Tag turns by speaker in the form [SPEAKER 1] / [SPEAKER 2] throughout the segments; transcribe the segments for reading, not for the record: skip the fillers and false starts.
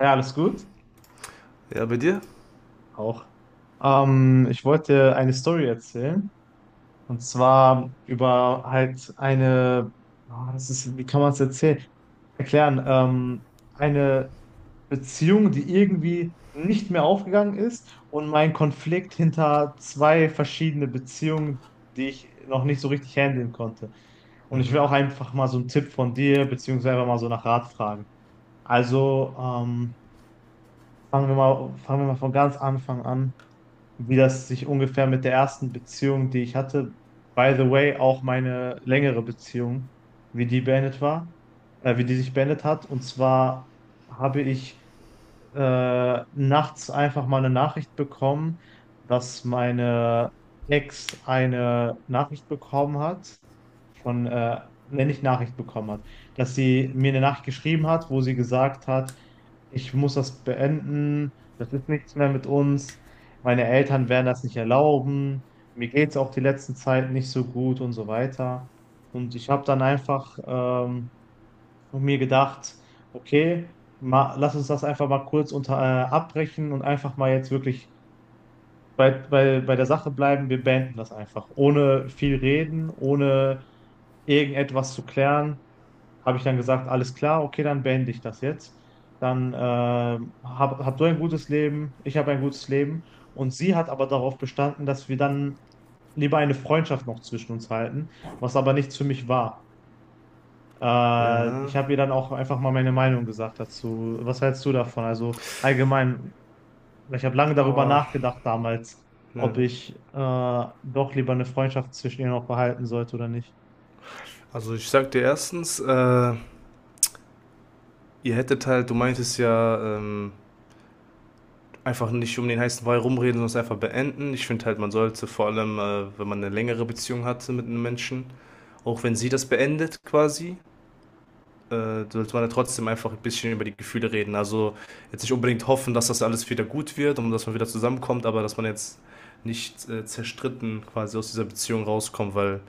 [SPEAKER 1] Ja, alles gut.
[SPEAKER 2] Ja, bei dir?
[SPEAKER 1] Auch. Ich wollte eine Story erzählen. Und zwar über halt eine, das ist, wie kann man es erzählen? Erklären. Eine Beziehung, die irgendwie nicht mehr aufgegangen ist, und mein Konflikt hinter zwei verschiedene Beziehungen, die ich noch nicht so richtig handeln konnte. Und ich will
[SPEAKER 2] Mhm.
[SPEAKER 1] auch einfach mal so einen Tipp von dir, beziehungsweise einfach mal so nach Rat fragen. Also, fangen wir mal von ganz Anfang an. Wie das sich ungefähr mit der ersten Beziehung, die ich hatte, by the way, auch meine längere Beziehung, wie die beendet war, wie die sich beendet hat. Und zwar habe ich nachts einfach mal eine Nachricht bekommen, dass meine Ex eine Nachricht bekommen hat, von, wenn ich Nachricht bekommen hat, dass sie mir eine Nachricht geschrieben hat, wo sie gesagt hat, ich muss das beenden, das ist nichts mehr mit uns, meine Eltern werden das nicht erlauben, mir geht es auch die letzten Zeit nicht so gut und so weiter. Und ich habe dann einfach und mir gedacht, okay, ma, lass uns das einfach mal kurz abbrechen und einfach mal jetzt wirklich bei der Sache bleiben. Wir beenden das einfach. Ohne viel reden, ohne irgendetwas zu klären, habe ich dann gesagt, alles klar, okay, dann beende ich das jetzt. Dann hab du ein gutes Leben, ich habe ein gutes Leben. Und sie hat aber darauf bestanden, dass wir dann lieber eine Freundschaft noch zwischen uns halten, was aber nichts für mich war.
[SPEAKER 2] Ja.
[SPEAKER 1] Ich habe ihr dann auch einfach mal meine Meinung gesagt dazu. Was hältst du davon? Also allgemein, ich habe lange darüber
[SPEAKER 2] Boah.
[SPEAKER 1] nachgedacht damals,
[SPEAKER 2] Ja.
[SPEAKER 1] ob ich doch lieber eine Freundschaft zwischen ihr noch behalten sollte oder nicht.
[SPEAKER 2] Also ich sag dir erstens, ihr hättet halt, du meintest ja, einfach nicht um den heißen Brei rumreden, sondern es einfach beenden. Ich finde halt, man sollte vor allem, wenn man eine längere Beziehung hatte mit einem Menschen, auch wenn sie das beendet quasi, sollte man ja trotzdem einfach ein bisschen über die Gefühle reden. Also jetzt nicht unbedingt hoffen, dass das alles wieder gut wird und dass man wieder zusammenkommt, aber dass man jetzt nicht zerstritten quasi aus dieser Beziehung rauskommt, weil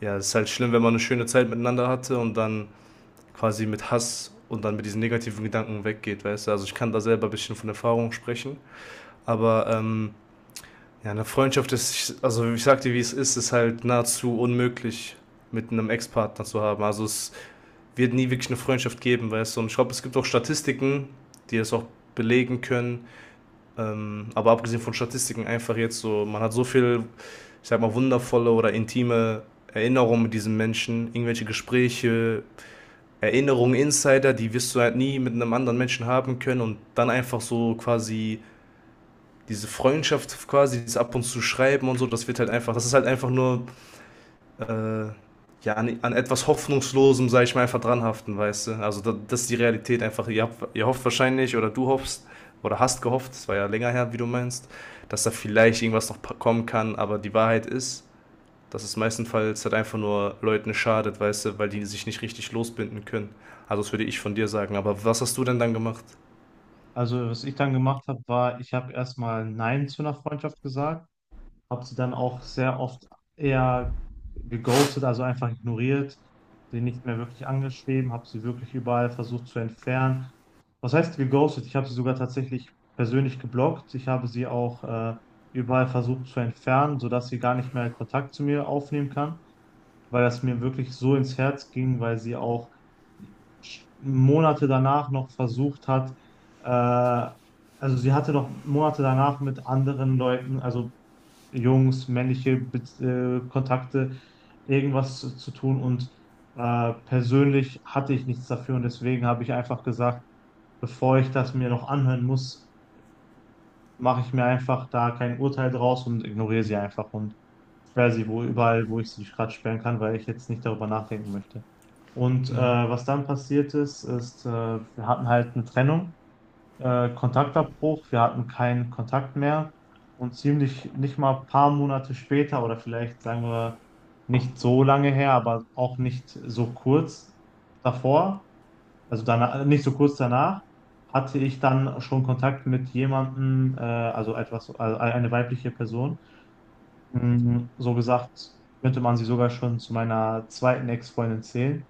[SPEAKER 2] ja, es ist halt schlimm, wenn man eine schöne Zeit miteinander hatte und dann quasi mit Hass und dann mit diesen negativen Gedanken weggeht, weißt du? Also ich kann da selber ein bisschen von Erfahrung sprechen, aber ja, eine Freundschaft ist, also ich sag dir, wie es ist, ist halt nahezu unmöglich mit einem Ex-Partner zu haben. Also es wird nie wirklich eine Freundschaft geben, weißt du? Und ich glaube, es gibt auch Statistiken, die das auch belegen können. Aber abgesehen von Statistiken einfach jetzt so, man hat so viel, ich sag mal, wundervolle oder intime Erinnerungen mit diesem Menschen, irgendwelche Gespräche, Erinnerungen, Insider, die wirst du halt nie mit einem anderen Menschen haben können und dann einfach so quasi diese Freundschaft quasi, dieses ab und zu schreiben und so, das wird halt einfach, das ist halt einfach nur äh, ja, an, an etwas Hoffnungslosem, sag ich mal, einfach dranhaften, weißt du? Also da, das ist die Realität einfach. Ihr habt, ihr hofft wahrscheinlich oder du hoffst oder hast gehofft, es war ja länger her, wie du meinst, dass da vielleicht irgendwas noch kommen kann, aber die Wahrheit ist, dass es meistenfalls halt einfach nur Leuten schadet, weißt du, weil die sich nicht richtig losbinden können. Also das würde ich von dir sagen. Aber was hast du denn dann gemacht?
[SPEAKER 1] Also was ich dann gemacht habe, war, ich habe erstmal Nein zu einer Freundschaft gesagt. Habe sie dann auch sehr oft eher geghostet, also einfach ignoriert, sie nicht mehr wirklich angeschrieben, habe sie wirklich überall versucht zu entfernen. Was heißt geghostet? Ich habe sie sogar tatsächlich persönlich geblockt. Ich habe sie auch überall versucht zu entfernen, sodass sie gar nicht mehr Kontakt zu mir aufnehmen kann, weil das mir wirklich so ins Herz ging, weil sie auch Monate danach noch versucht hat, äh, also sie hatte noch Monate danach mit anderen Leuten, also Jungs, männliche Kontakte, irgendwas zu tun. Und persönlich hatte ich nichts dafür, und deswegen habe ich einfach gesagt, bevor ich das mir noch anhören muss, mache ich mir einfach da kein Urteil draus und ignoriere sie einfach und sperre sie wo überall, wo ich sie gerade sperren kann, weil ich jetzt nicht darüber nachdenken möchte. Und
[SPEAKER 2] Mhm.
[SPEAKER 1] was dann passiert ist, ist, wir hatten halt eine Trennung, Kontaktabbruch. Wir hatten keinen Kontakt mehr und ziemlich nicht mal ein paar Monate später oder vielleicht sagen wir, nicht so lange her, aber auch nicht so kurz davor, also danach, nicht so kurz danach, hatte ich dann schon Kontakt mit jemandem, also etwas, also eine weibliche Person. So gesagt, könnte man sie sogar schon zu meiner zweiten Ex-Freundin zählen,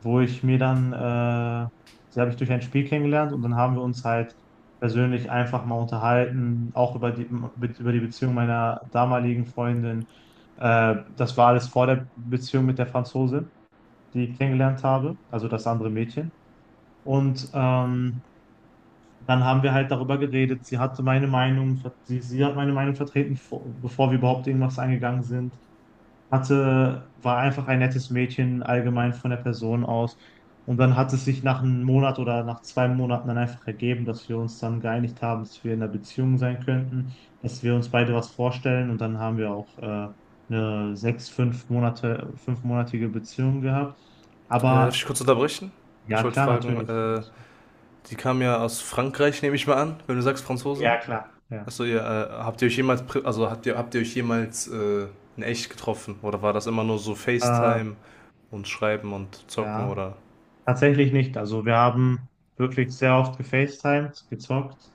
[SPEAKER 1] wo ich mir dann, sie habe ich durch ein Spiel kennengelernt, und dann haben wir uns halt persönlich einfach mal unterhalten, auch über die Beziehung meiner damaligen Freundin. Das war alles vor der Beziehung mit der Franzose, die ich kennengelernt habe, also das andere Mädchen. Und dann haben wir halt darüber geredet. Sie hatte meine Meinung, sie hat meine Meinung vertreten, bevor wir überhaupt irgendwas eingegangen sind, hatte, war einfach ein nettes Mädchen allgemein von der Person aus. Und dann hat es sich nach einem Monat oder nach 2 Monaten dann einfach ergeben, dass wir uns dann geeinigt haben, dass wir in einer Beziehung sein könnten, dass wir uns beide was vorstellen. Und dann haben wir auch eine sechs, 5 Monate, fünfmonatige Beziehung gehabt.
[SPEAKER 2] Darf ich
[SPEAKER 1] Aber
[SPEAKER 2] kurz unterbrechen? Ich
[SPEAKER 1] ja,
[SPEAKER 2] wollte
[SPEAKER 1] klar,
[SPEAKER 2] fragen,
[SPEAKER 1] natürlich.
[SPEAKER 2] die kam ja aus Frankreich, nehme ich mal an, wenn du sagst
[SPEAKER 1] Ja,
[SPEAKER 2] Franzosin.
[SPEAKER 1] klar. Ja.
[SPEAKER 2] Achso, ihr, habt ihr euch jemals, also habt ihr euch jemals in echt getroffen? Oder war das immer nur so
[SPEAKER 1] Äh,
[SPEAKER 2] FaceTime und Schreiben und Zocken
[SPEAKER 1] ja,
[SPEAKER 2] oder?
[SPEAKER 1] tatsächlich nicht. Also wir haben wirklich sehr oft gefacetimed, gezockt.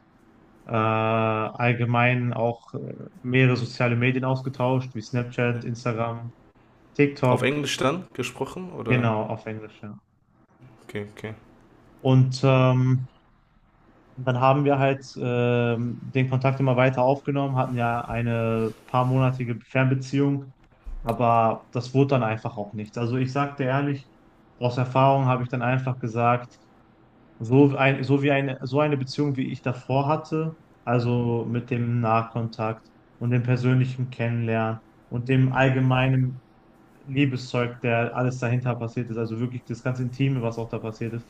[SPEAKER 1] Allgemein auch mehrere soziale Medien ausgetauscht, wie Snapchat,
[SPEAKER 2] Hm?
[SPEAKER 1] Instagram,
[SPEAKER 2] Auf
[SPEAKER 1] TikTok,
[SPEAKER 2] Englisch dann gesprochen? Oder?
[SPEAKER 1] genau, auf Englisch, ja.
[SPEAKER 2] Okay, okay.
[SPEAKER 1] Und dann haben wir halt den Kontakt immer weiter aufgenommen, hatten ja eine paarmonatige Fernbeziehung, aber das wurde dann einfach auch nichts. Also ich sagte ehrlich, aus Erfahrung habe ich dann einfach gesagt, so ein, so wie eine, so eine Beziehung, wie ich davor hatte, also mit dem Nahkontakt und dem persönlichen Kennenlernen und dem allgemeinen Liebeszeug, der alles dahinter passiert ist, also wirklich das ganze Intime, was auch da passiert ist.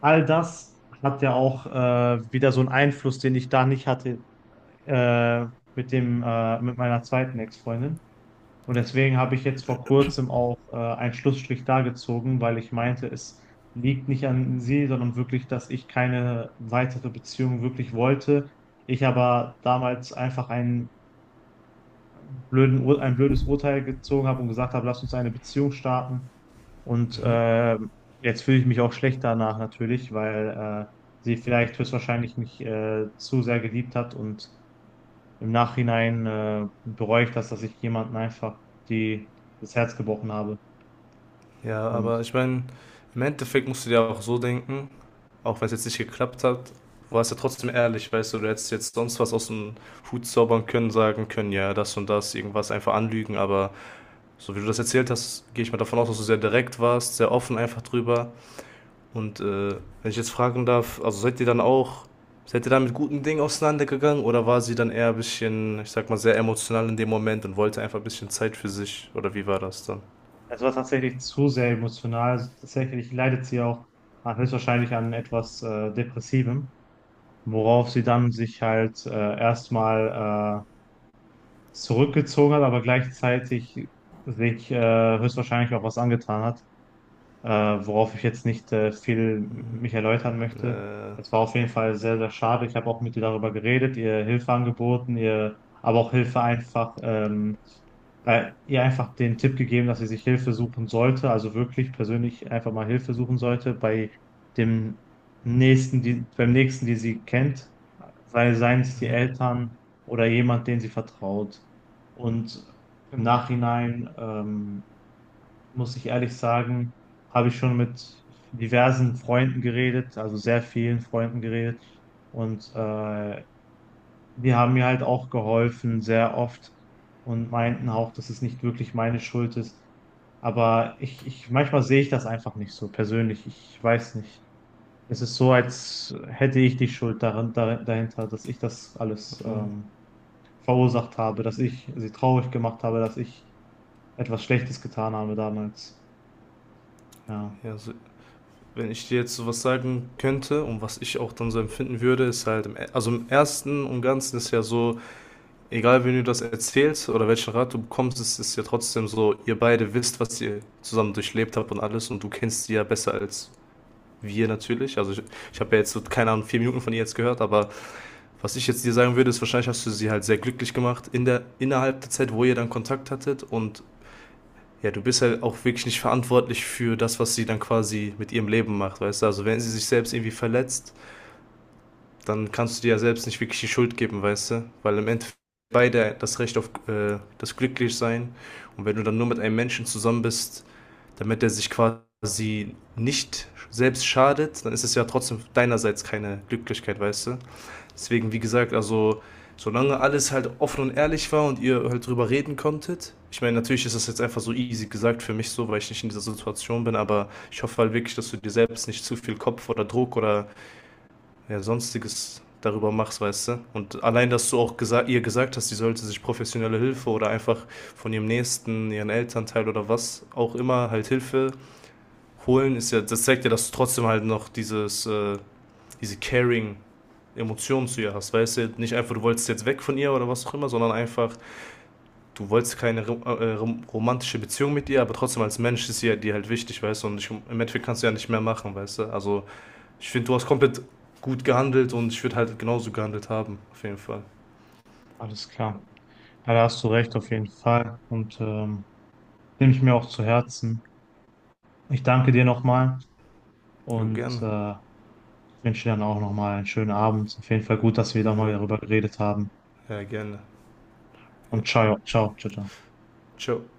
[SPEAKER 1] All das hat ja auch wieder so einen Einfluss, den ich da nicht hatte, äh, mit dem, mit meiner zweiten Ex-Freundin. Und deswegen habe ich jetzt vor kurzem auch einen Schlussstrich da gezogen, weil ich meinte, es liegt nicht an sie, sondern wirklich, dass ich keine weitere Beziehung wirklich wollte. Ich aber damals einfach ein blödes Urteil gezogen habe und gesagt habe, lass uns eine Beziehung starten. Und jetzt fühle ich mich auch schlecht danach natürlich, weil sie vielleicht höchstwahrscheinlich mich zu sehr geliebt hat, und im Nachhinein bereue ich das, dass ich jemanden einfach das Herz gebrochen habe.
[SPEAKER 2] Ja, aber
[SPEAKER 1] Und
[SPEAKER 2] ich meine, im Endeffekt musst du dir auch so denken, auch wenn es jetzt nicht geklappt hat, war es ja trotzdem ehrlich, weißt du, du hättest jetzt sonst was aus dem Hut zaubern können, sagen können, ja, das und das, irgendwas einfach anlügen, aber so wie du das erzählt hast, gehe ich mal davon aus, dass du sehr direkt warst, sehr offen einfach drüber. Und wenn ich jetzt fragen darf, also seid ihr dann auch, seid ihr dann mit guten Dingen auseinandergegangen oder war sie dann eher ein bisschen, ich sag mal, sehr emotional in dem Moment und wollte einfach ein bisschen Zeit für sich oder wie war das dann?
[SPEAKER 1] es war tatsächlich zu sehr emotional. Also tatsächlich leidet sie auch höchstwahrscheinlich an etwas Depressivem, worauf sie dann sich halt erstmal zurückgezogen hat, aber gleichzeitig sich höchstwahrscheinlich auch was angetan hat. äh, Worauf ich jetzt nicht viel mich erläutern möchte.
[SPEAKER 2] Äh,
[SPEAKER 1] Es war auf jeden Fall sehr, sehr schade. Ich habe auch mit ihr darüber geredet, ihr Hilfe angeboten, ihr, aber auch Hilfe einfach, ihr einfach den Tipp gegeben, dass sie sich Hilfe suchen sollte, also wirklich persönlich einfach mal Hilfe suchen sollte bei dem beim nächsten, die sie kennt, seien es die
[SPEAKER 2] mhm,
[SPEAKER 1] Eltern oder jemand, den sie vertraut. Und im Nachhinein, muss ich ehrlich sagen, habe ich schon mit diversen Freunden geredet, also sehr vielen Freunden geredet. Und die haben mir halt auch geholfen, sehr oft, und meinten auch, dass es nicht wirklich meine Schuld ist. Aber manchmal sehe ich das einfach nicht so persönlich. Ich weiß nicht. Es ist so, als hätte ich die Schuld daran, dahinter, dass ich das alles
[SPEAKER 2] mhm.
[SPEAKER 1] verursacht habe, dass ich sie traurig gemacht habe, dass ich etwas Schlechtes getan habe damals. Ja.
[SPEAKER 2] Ja, also, wenn ich dir jetzt sowas sagen könnte und was ich auch dann so empfinden würde, ist halt, also im Ersten und Ganzen ist ja so, egal wen du das erzählst oder welchen Rat du bekommst, es ist ja trotzdem so, ihr beide wisst, was ihr zusammen durchlebt habt und alles und du kennst sie ja besser als wir natürlich. Ich habe ja jetzt so, keine Ahnung, 4 Minuten von ihr jetzt gehört, aber was ich jetzt dir sagen würde, ist wahrscheinlich hast du sie halt sehr glücklich gemacht in der, innerhalb der Zeit, wo ihr dann Kontakt hattet und ja, du bist halt auch wirklich nicht verantwortlich für das, was sie dann quasi mit ihrem Leben macht, weißt du? Also wenn sie sich selbst irgendwie verletzt, dann kannst du dir ja selbst nicht wirklich die Schuld geben, weißt du? Weil im Endeffekt beide das Recht auf das Glücklichsein, und wenn du dann nur mit einem Menschen zusammen bist, damit er sich quasi nicht selbst schadet, dann ist es ja trotzdem deinerseits keine Glücklichkeit, weißt du? Deswegen, wie gesagt, also solange alles halt offen und ehrlich war und ihr halt drüber reden konntet. Ich meine, natürlich ist das jetzt einfach so easy gesagt für mich so, weil ich nicht in dieser Situation bin, aber ich hoffe halt wirklich, dass du dir selbst nicht zu viel Kopf oder Druck oder ja, sonstiges darüber machst, weißt du? Und allein, dass du auch gesa ihr gesagt hast, sie sollte sich professionelle Hilfe oder einfach von ihrem Nächsten, ihren Elternteil oder was auch immer halt Hilfe holen, ist ja, das zeigt ja, dass du trotzdem halt noch dieses, diese Caring Emotionen zu ihr hast. Weißt du, nicht einfach, du wolltest jetzt weg von ihr oder was auch immer, sondern einfach, du wolltest keine romantische Beziehung mit ihr, aber trotzdem als Mensch ist sie ja dir halt wichtig, weißt du, und ich, im Endeffekt kannst du ja nicht mehr machen, weißt du. Also, ich finde, du hast komplett gut gehandelt und ich würde halt genauso gehandelt haben, auf jeden Fall.
[SPEAKER 1] Alles klar. Ja, da hast du recht, auf jeden Fall. Und nehme ich mir auch zu Herzen. Ich danke dir nochmal
[SPEAKER 2] Jo,
[SPEAKER 1] und
[SPEAKER 2] gerne.
[SPEAKER 1] wünsche dir dann auch nochmal einen schönen Abend. Auf jeden Fall gut, dass wir nochmal
[SPEAKER 2] Jo.
[SPEAKER 1] darüber geredet haben.
[SPEAKER 2] Ja, gerne. Ja.
[SPEAKER 1] Und ciao, ciao, ciao, ciao.
[SPEAKER 2] Ciao.